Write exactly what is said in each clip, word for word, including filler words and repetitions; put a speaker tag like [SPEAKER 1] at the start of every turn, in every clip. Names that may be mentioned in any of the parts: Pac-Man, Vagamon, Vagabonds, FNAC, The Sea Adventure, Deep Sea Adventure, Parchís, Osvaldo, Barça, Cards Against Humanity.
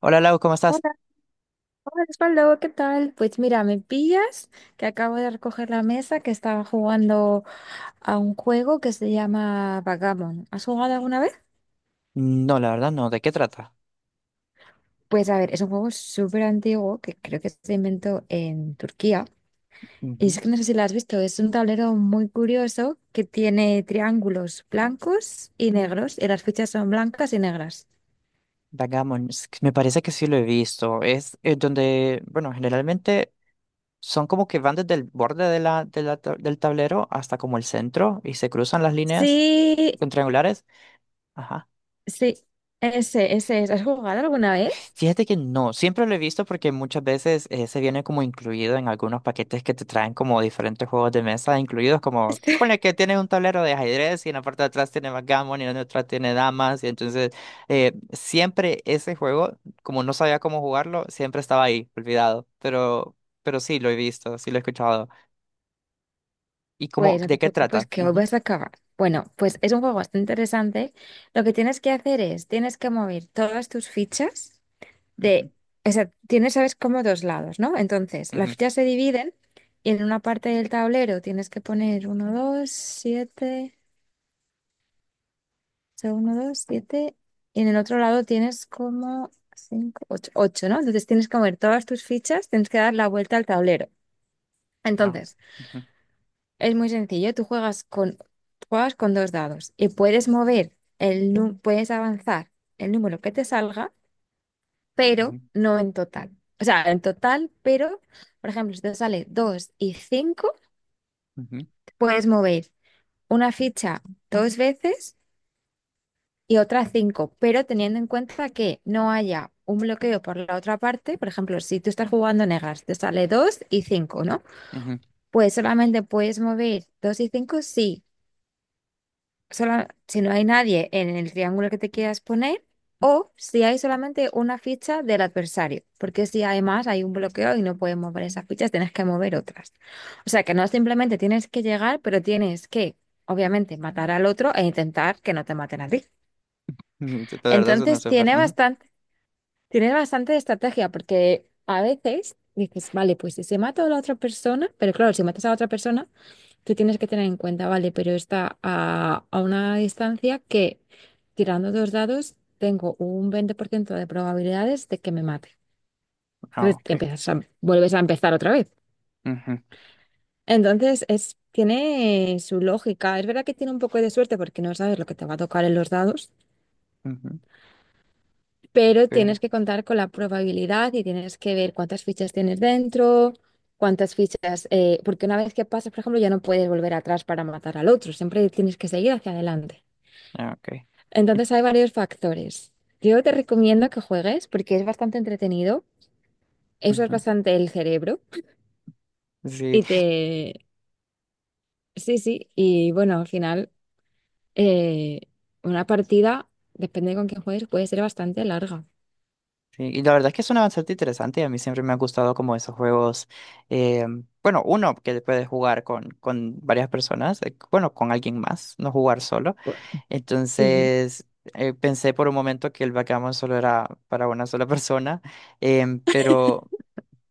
[SPEAKER 1] Hola Lau, ¿cómo estás?
[SPEAKER 2] Hola, hola Osvaldo, ¿qué tal? Pues mira, me pillas que acabo de recoger la mesa que estaba jugando a un juego que se llama Vagamon. ¿Has jugado alguna vez?
[SPEAKER 1] No, la verdad no. ¿De qué trata?
[SPEAKER 2] Pues a ver, es un juego súper antiguo que creo que se inventó en Turquía. Y
[SPEAKER 1] Ujú.
[SPEAKER 2] es que no sé si lo has visto, es un tablero muy curioso que tiene triángulos blancos y negros y las fichas son blancas y negras.
[SPEAKER 1] Vagabonds, que me parece que sí lo he visto. Es eh, donde, bueno, generalmente son como que van desde el borde de la, de la ta- del tablero hasta como el centro y se cruzan las líneas
[SPEAKER 2] Sí,
[SPEAKER 1] con triangulares. Ajá.
[SPEAKER 2] sí, ese, ese es. ¿Has jugado alguna vez?
[SPEAKER 1] Fíjate que no, siempre lo he visto porque muchas veces eh, se viene como incluido en algunos paquetes que te traen como diferentes juegos de mesa, incluidos como, ponle que tienes un tablero de ajedrez y en la parte de atrás tiene backgammon y en la otra tiene damas, y entonces eh, siempre ese juego, como no sabía cómo jugarlo, siempre estaba ahí, olvidado, pero, pero sí lo he visto, sí lo he escuchado. ¿Y cómo,
[SPEAKER 2] Pues no te
[SPEAKER 1] de qué
[SPEAKER 2] preocupes
[SPEAKER 1] trata?
[SPEAKER 2] que hoy
[SPEAKER 1] Ujú,
[SPEAKER 2] vas a acabar. Bueno, pues es un juego bastante interesante. Lo que tienes que hacer es, tienes que mover todas tus fichas
[SPEAKER 1] ujú,
[SPEAKER 2] de, o sea, tienes, sabes, como dos lados, ¿no? Entonces, las
[SPEAKER 1] ujú,
[SPEAKER 2] fichas se dividen y en una parte del tablero tienes que poner uno dos siete, o sea, uno dos siete y en el otro lado tienes como cinco ocho ocho, ¿no? Entonces tienes que mover todas tus fichas, tienes que dar la vuelta al tablero.
[SPEAKER 1] ah, ok,
[SPEAKER 2] Entonces,
[SPEAKER 1] ujú,
[SPEAKER 2] es muy sencillo, tú juegas con, juegas con dos dados y puedes mover el nu- puedes avanzar el número que te salga, pero
[SPEAKER 1] ujú,
[SPEAKER 2] no en total. O sea, en total, pero, por ejemplo, si te sale dos y cinco puedes mover una ficha dos veces y otra cinco, pero teniendo en cuenta que no haya un bloqueo por la otra parte, por ejemplo, si tú estás jugando negras, te sale dos y cinco, ¿no?
[SPEAKER 1] ujú,
[SPEAKER 2] Pues solamente puedes mover dos y cinco si sola- si no hay nadie en el triángulo que te quieras poner o si hay solamente una ficha del adversario, porque si además hay un bloqueo y no puedes mover esas fichas, tienes que mover otras. O sea que no simplemente tienes que llegar, pero tienes que, obviamente, matar al otro e intentar que no te maten a ti.
[SPEAKER 1] ujú, ujú, de verdad, eso no es
[SPEAKER 2] Entonces
[SPEAKER 1] súper.
[SPEAKER 2] tiene
[SPEAKER 1] Ujú,
[SPEAKER 2] bastante, tiene bastante estrategia, porque a veces dices, vale, pues si se mata a la otra persona, pero claro, si matas a la otra persona que tienes que tener en cuenta, vale, pero está a, a una distancia que tirando dos dados tengo un veinte por ciento de probabilidades de que me mate.
[SPEAKER 1] ah,
[SPEAKER 2] Entonces te
[SPEAKER 1] ok.
[SPEAKER 2] empiezas a- vuelves a empezar otra vez.
[SPEAKER 1] Ujú.
[SPEAKER 2] Entonces es, tiene su lógica. Es verdad que tiene un poco de suerte porque no sabes lo que te va a tocar en los dados,
[SPEAKER 1] Ujú,
[SPEAKER 2] pero
[SPEAKER 1] pero,
[SPEAKER 2] tienes que contar con la probabilidad y tienes que ver cuántas fichas tienes dentro. Cuántas fichas, eh, porque una vez que pasas, por ejemplo, ya no puedes volver atrás para matar al otro, siempre tienes que seguir hacia adelante.
[SPEAKER 1] ah, okay. Y-
[SPEAKER 2] Entonces hay varios factores. Yo te recomiendo que juegues porque es bastante entretenido, usas
[SPEAKER 1] Ujú.
[SPEAKER 2] bastante el cerebro
[SPEAKER 1] Sí,
[SPEAKER 2] y te... Sí, sí, y bueno, al final eh, una partida, depende con quién juegues, puede ser bastante larga.
[SPEAKER 1] sí, y la verdad es que suena bastante interesante y a mí siempre me ha gustado como esos juegos, eh, bueno, uno que puedes jugar con, con varias personas, eh, bueno, con alguien más, no jugar solo.
[SPEAKER 2] Sí,
[SPEAKER 1] Entonces, eh, pensé por un momento que el backgammon solo era para una sola persona, em, pero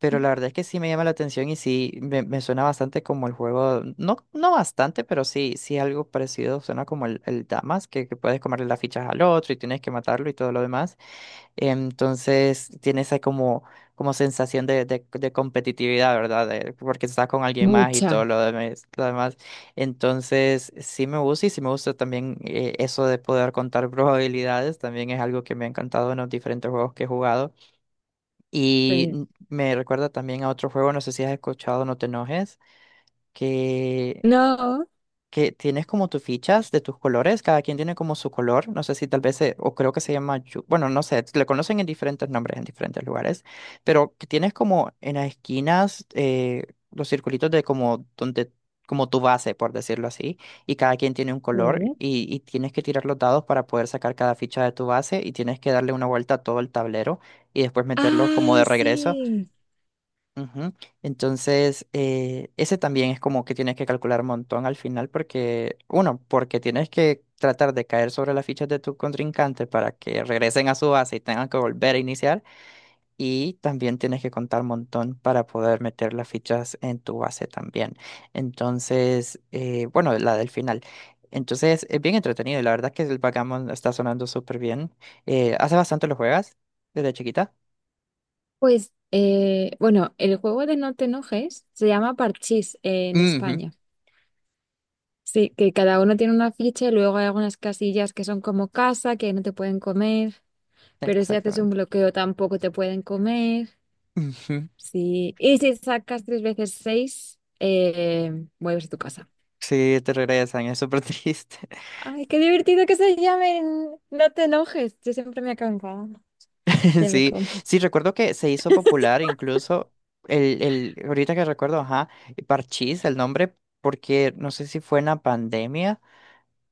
[SPEAKER 1] Pero la verdad es que sí me llama la atención y sí me, me suena bastante como el juego, no, no bastante, pero sí, sí algo parecido, suena como el, el Damas, que, que puedes comerle las fichas al otro y tienes que matarlo y todo lo demás. Entonces tiene esa como, como sensación de, de, de competitividad, ¿verdad? De- porque estás con alguien más y todo
[SPEAKER 2] mucha.
[SPEAKER 1] lo demás, lo demás. Entonces sí me gusta y sí me gusta también eh, eso de poder contar probabilidades, también es algo que me ha encantado en los diferentes juegos que he jugado.
[SPEAKER 2] Sí.
[SPEAKER 1] Y me recuerda también a otro juego, no sé si has escuchado, no te enojes, que,
[SPEAKER 2] No.
[SPEAKER 1] que tienes como tus fichas de tus colores, cada quien tiene como su color, no sé si tal vez, se- o creo que se llama, yu- bueno, no sé, le conocen en diferentes nombres, en diferentes lugares, pero que tienes como en las esquinas eh, los circulitos de como donde... como tu base, por decirlo así, y cada quien tiene un color
[SPEAKER 2] Sí.
[SPEAKER 1] y, y tienes que tirar los dados para poder sacar cada ficha de tu base y tienes que darle una vuelta a todo el tablero y después meterlos como
[SPEAKER 2] Ah,
[SPEAKER 1] de regreso.
[SPEAKER 2] sí.
[SPEAKER 1] Ujú. Entonces, eh, ese también es como que tienes que calcular un montón al final porque, uno, porque tienes que tratar de caer sobre las fichas de tu contrincante para que regresen a su base y tengan que volver a iniciar y también tienes que contar un montón para poder meter las fichas en tu base también. Entonces, eh, bueno, la del final. Entonces, es bien entretenido y la verdad es que el backgammon está sonando súper bien. Eh, ¿hace bastante lo juegas desde chiquita?
[SPEAKER 2] Pues, eh, bueno, el juego de No te enojes se llama Parchís eh, en
[SPEAKER 1] Ujú,
[SPEAKER 2] España. Sí, que cada uno tiene una ficha y luego hay algunas casillas que son como casa, que no te pueden comer, pero si haces un
[SPEAKER 1] exactamente.
[SPEAKER 2] bloqueo tampoco te pueden comer.
[SPEAKER 1] Ujú.
[SPEAKER 2] Sí, y si sacas tres veces seis, eh, vuelves a tu casa.
[SPEAKER 1] Sí, te regresan, es súper triste.
[SPEAKER 2] Ay, qué divertido que se llamen. No te enojes, yo siempre me acabo. Se me
[SPEAKER 1] Sí,
[SPEAKER 2] come.
[SPEAKER 1] sí, recuerdo que se hizo popular incluso el, el, ahorita que recuerdo, ajá, Parchís, el nombre, porque no sé si fue en la pandemia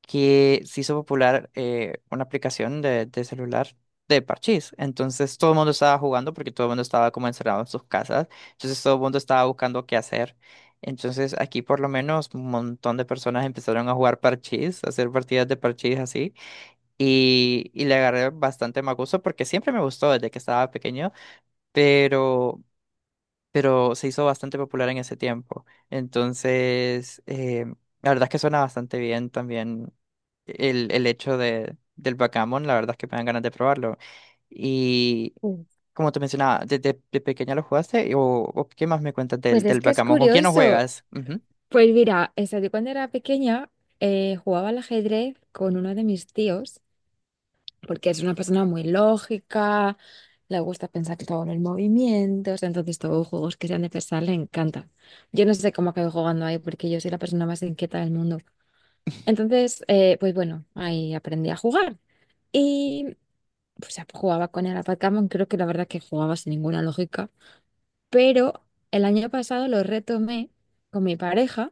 [SPEAKER 1] que se hizo popular eh, una aplicación de, de celular de Parchís. Entonces todo el mundo estaba jugando porque todo el mundo estaba como encerrado en sus casas. Entonces todo el mundo estaba buscando qué hacer. Entonces aquí por lo menos un montón de personas empezaron a jugar Parchís, a hacer partidas de Parchís así. Y, y le agarré bastante más gusto porque siempre me gustó desde que estaba pequeño, pero, pero se hizo bastante popular en ese tiempo. Entonces, eh, la verdad es que suena bastante bien también el, el hecho de, del backgammon, la verdad es que me dan ganas de probarlo. Y
[SPEAKER 2] Sí.
[SPEAKER 1] como te mencionaba, ¿desde de pequeña lo jugaste? ¿O, o qué más me cuentas
[SPEAKER 2] Pues
[SPEAKER 1] del,
[SPEAKER 2] es
[SPEAKER 1] del
[SPEAKER 2] que es
[SPEAKER 1] backgammon? ¿Con quién lo
[SPEAKER 2] curioso.
[SPEAKER 1] juegas? Ujú.
[SPEAKER 2] Pues mira, eso, yo cuando era pequeña eh, jugaba al ajedrez con uno de mis tíos. Porque es una persona muy lógica, le gusta pensar todo en el movimiento, o sea, entonces todos los juegos que sean de pensar le encantan. Yo no sé cómo acabé jugando ahí porque yo soy la persona más inquieta del mundo. Entonces, eh, pues bueno, ahí aprendí a jugar y pues ya jugaba con el a Pac-Man, creo que la verdad que jugaba sin ninguna lógica, pero el año pasado lo retomé con mi pareja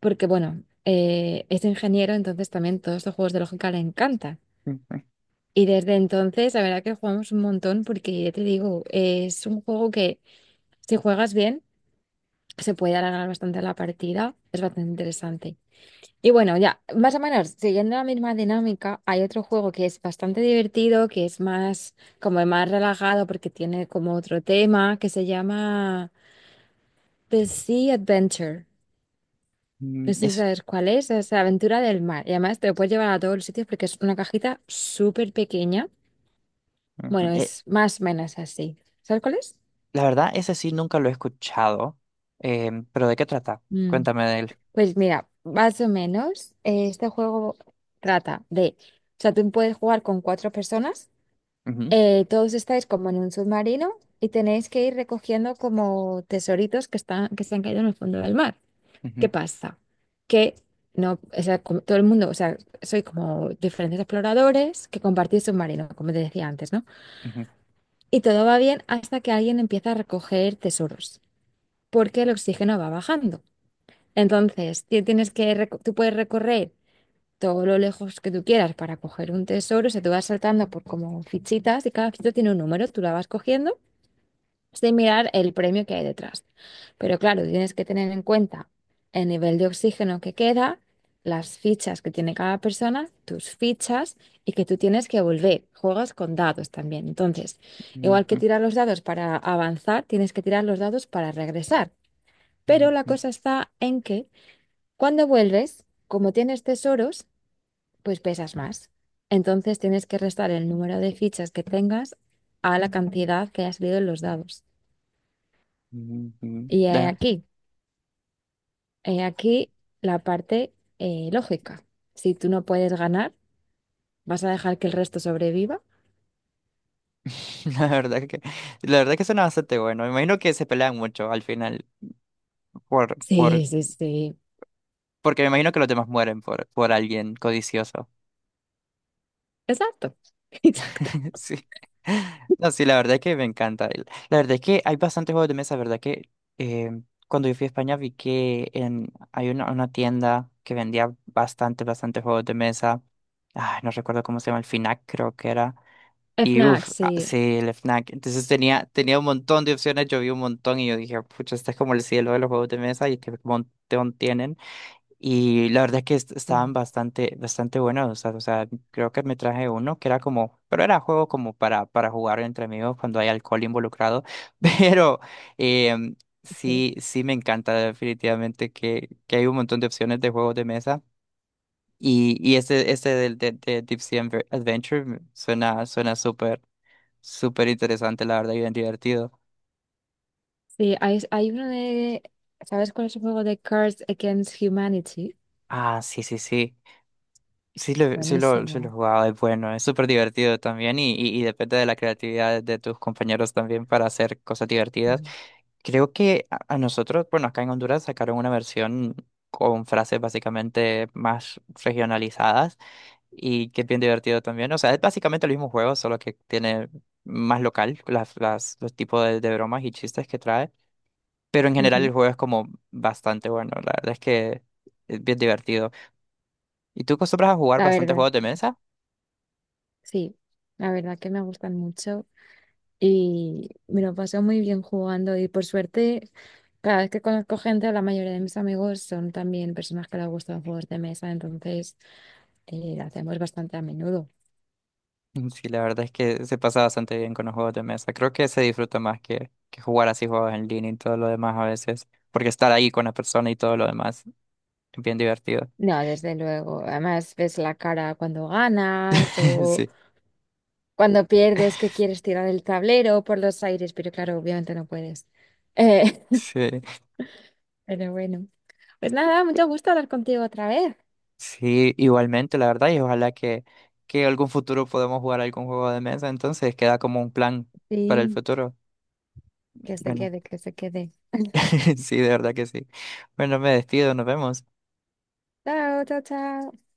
[SPEAKER 2] porque bueno, eh, es ingeniero, entonces también todos estos juegos de lógica le encantan.
[SPEAKER 1] Ujú.
[SPEAKER 2] Y desde entonces, la verdad que jugamos un montón porque ya te digo, es un juego que si juegas bien, se puede alargar bastante la partida, es bastante interesante. Y bueno, ya, más o menos, siguiendo la misma dinámica, hay otro juego que es bastante divertido, que es más, como más relajado porque tiene como otro tema, que se llama The Sea Adventure. No
[SPEAKER 1] Mm,
[SPEAKER 2] sé si
[SPEAKER 1] eso,
[SPEAKER 2] sabes cuál es, es la aventura del mar. Y además te lo puedes llevar a todos los sitios porque es una cajita súper pequeña.
[SPEAKER 1] ujú.
[SPEAKER 2] Bueno,
[SPEAKER 1] E-
[SPEAKER 2] es más o menos así. ¿Sabes cuál es?
[SPEAKER 1] La verdad, ese sí nunca lo he escuchado, em, pero ¿de qué trata?
[SPEAKER 2] Mm,
[SPEAKER 1] Cuéntame de él.
[SPEAKER 2] Pues mira, más o menos, eh, este juego trata de, o sea, tú puedes jugar con cuatro personas,
[SPEAKER 1] Ujú,
[SPEAKER 2] eh, todos estáis como en un submarino y tenéis que ir recogiendo como tesoritos que están, que se han caído en el fondo del mar. ¿Qué
[SPEAKER 1] ujú,
[SPEAKER 2] pasa? Que no, o sea, como todo el mundo, o sea, soy como diferentes exploradores que compartís submarino, como te decía antes, ¿no?
[SPEAKER 1] ujú,
[SPEAKER 2] Y todo va bien hasta que alguien empieza a recoger tesoros, porque el oxígeno va bajando. Entonces, ti- tienes que, reco- tú puedes recorrer todo lo lejos que tú quieras para coger un tesoro. O sea, tú vas saltando por como fichitas y cada fichita tiene un número. Tú la vas cogiendo sin mirar el premio que hay detrás. Pero claro, tienes que tener en cuenta el nivel de oxígeno que queda, las fichas que tiene cada persona, tus fichas y que tú tienes que volver. Juegas con dados también. Entonces, igual que
[SPEAKER 1] ujú,
[SPEAKER 2] tirar los dados para avanzar, tienes que tirar los dados para regresar. Pero la
[SPEAKER 1] ujú,
[SPEAKER 2] cosa está en que cuando vuelves, como tienes tesoros, pues pesas más. Entonces tienes que restar el número de fichas que tengas a la cantidad que ha salido en los dados.
[SPEAKER 1] ujú, ujú.
[SPEAKER 2] Y he
[SPEAKER 1] La,
[SPEAKER 2] aquí, he aquí la parte eh, lógica. Si tú no puedes ganar, ¿vas a dejar que el resto sobreviva?
[SPEAKER 1] la verdad que, la verdad que suena bastante bueno. Me imagino que se pelean mucho al final por, por,
[SPEAKER 2] Sí, sí, sí.
[SPEAKER 1] porque me imagino que los demás mueren por, por alguien codicioso.
[SPEAKER 2] Exacto. Exacto.
[SPEAKER 1] Sí. No, sí, la verdad es que me encanta. El- La verdad es que hay bastantes juegos de mesa, ¿verdad? Que eh, cuando yo fui a España vi que en, hay una, una tienda que vendía bastante, bastante juegos de mesa. Ay, no recuerdo cómo se llama, el F N A C creo que era. Y
[SPEAKER 2] F N A C,
[SPEAKER 1] uff,
[SPEAKER 2] sí.
[SPEAKER 1] sí, el F N A C. Entonces tenía, tenía un montón de opciones, yo vi un montón y yo dije, pucha, este es como el cielo de los juegos de mesa y qué montón tienen. Y la verdad es que est-
[SPEAKER 2] Sí,
[SPEAKER 1] estaban bastante, bastante buenos. O sea, o sea, creo que me traje uno que era como, pero era juego como para, para jugar entre amigos cuando hay alcohol involucrado. Pero em,
[SPEAKER 2] sí.
[SPEAKER 1] sí, sí me encanta definitivamente que, que hay un montón de opciones de juegos de mesa. Y, y este, este del de, de Deep Sea Adve- Adventure me- suena, suena súper, súper interesante, la verdad, y bien divertido.
[SPEAKER 2] Sí, hay, hay uno de... ¿Sabes cuál es el juego de Cards Against Humanity?
[SPEAKER 1] Ah, sí, sí, sí. Sí lo, sí lo, sí lo
[SPEAKER 2] Buenísimo.
[SPEAKER 1] jugaba, es bueno, es súper divertido también y, y, y depende de la creatividad de tus compañeros también para hacer cosas divertidas.
[SPEAKER 2] Sí.
[SPEAKER 1] Creo que a, a nosotros, bueno, acá en Honduras sacaron una versión con frases básicamente más regionalizadas y que es bien divertido también. O sea, es básicamente el mismo juego, solo que tiene más local las, las, los tipos de, de bromas y chistes que trae. Pero en general el
[SPEAKER 2] Ujú.
[SPEAKER 1] juego es como bastante bueno, la verdad es que es bien divertido. ¿Y tú acostumbras a jugar
[SPEAKER 2] La
[SPEAKER 1] bastante
[SPEAKER 2] verdad,
[SPEAKER 1] juegos de mesa?
[SPEAKER 2] sí. La verdad que me gustan mucho. Y me lo paso muy bien jugando y por suerte, cada vez que conozco gente, la mayoría de mis amigos son también personas que les gustan juegos de mesa, entonces eh, lo hacemos bastante a menudo.
[SPEAKER 1] Mm, sí, la verdad es que se pasa bastante bien con los juegos de mesa. Creo que se disfruta más que, que jugar así juegos en línea y todo lo demás a veces, porque estar ahí con la persona y todo lo demás es bien divertido.
[SPEAKER 2] No, desde luego. Además, ves la cara cuando ganas o
[SPEAKER 1] Sí,
[SPEAKER 2] cuando pierdes que quieres tirar el tablero por los aires, pero claro, obviamente no puedes. Eh,
[SPEAKER 1] sí,
[SPEAKER 2] pero bueno, pues nada, mucho gusto hablar contigo otra vez.
[SPEAKER 1] sí, igualmente, la verdad, y ojalá que, que algún futuro podamos jugar algún juego de mesa, entonces queda como un plan para el
[SPEAKER 2] Sí,
[SPEAKER 1] futuro.
[SPEAKER 2] que se
[SPEAKER 1] Bueno,
[SPEAKER 2] quede, que se quede.
[SPEAKER 1] sí, de verdad que sí. Bueno, me despido, nos vemos.
[SPEAKER 2] Chao, chao, chao.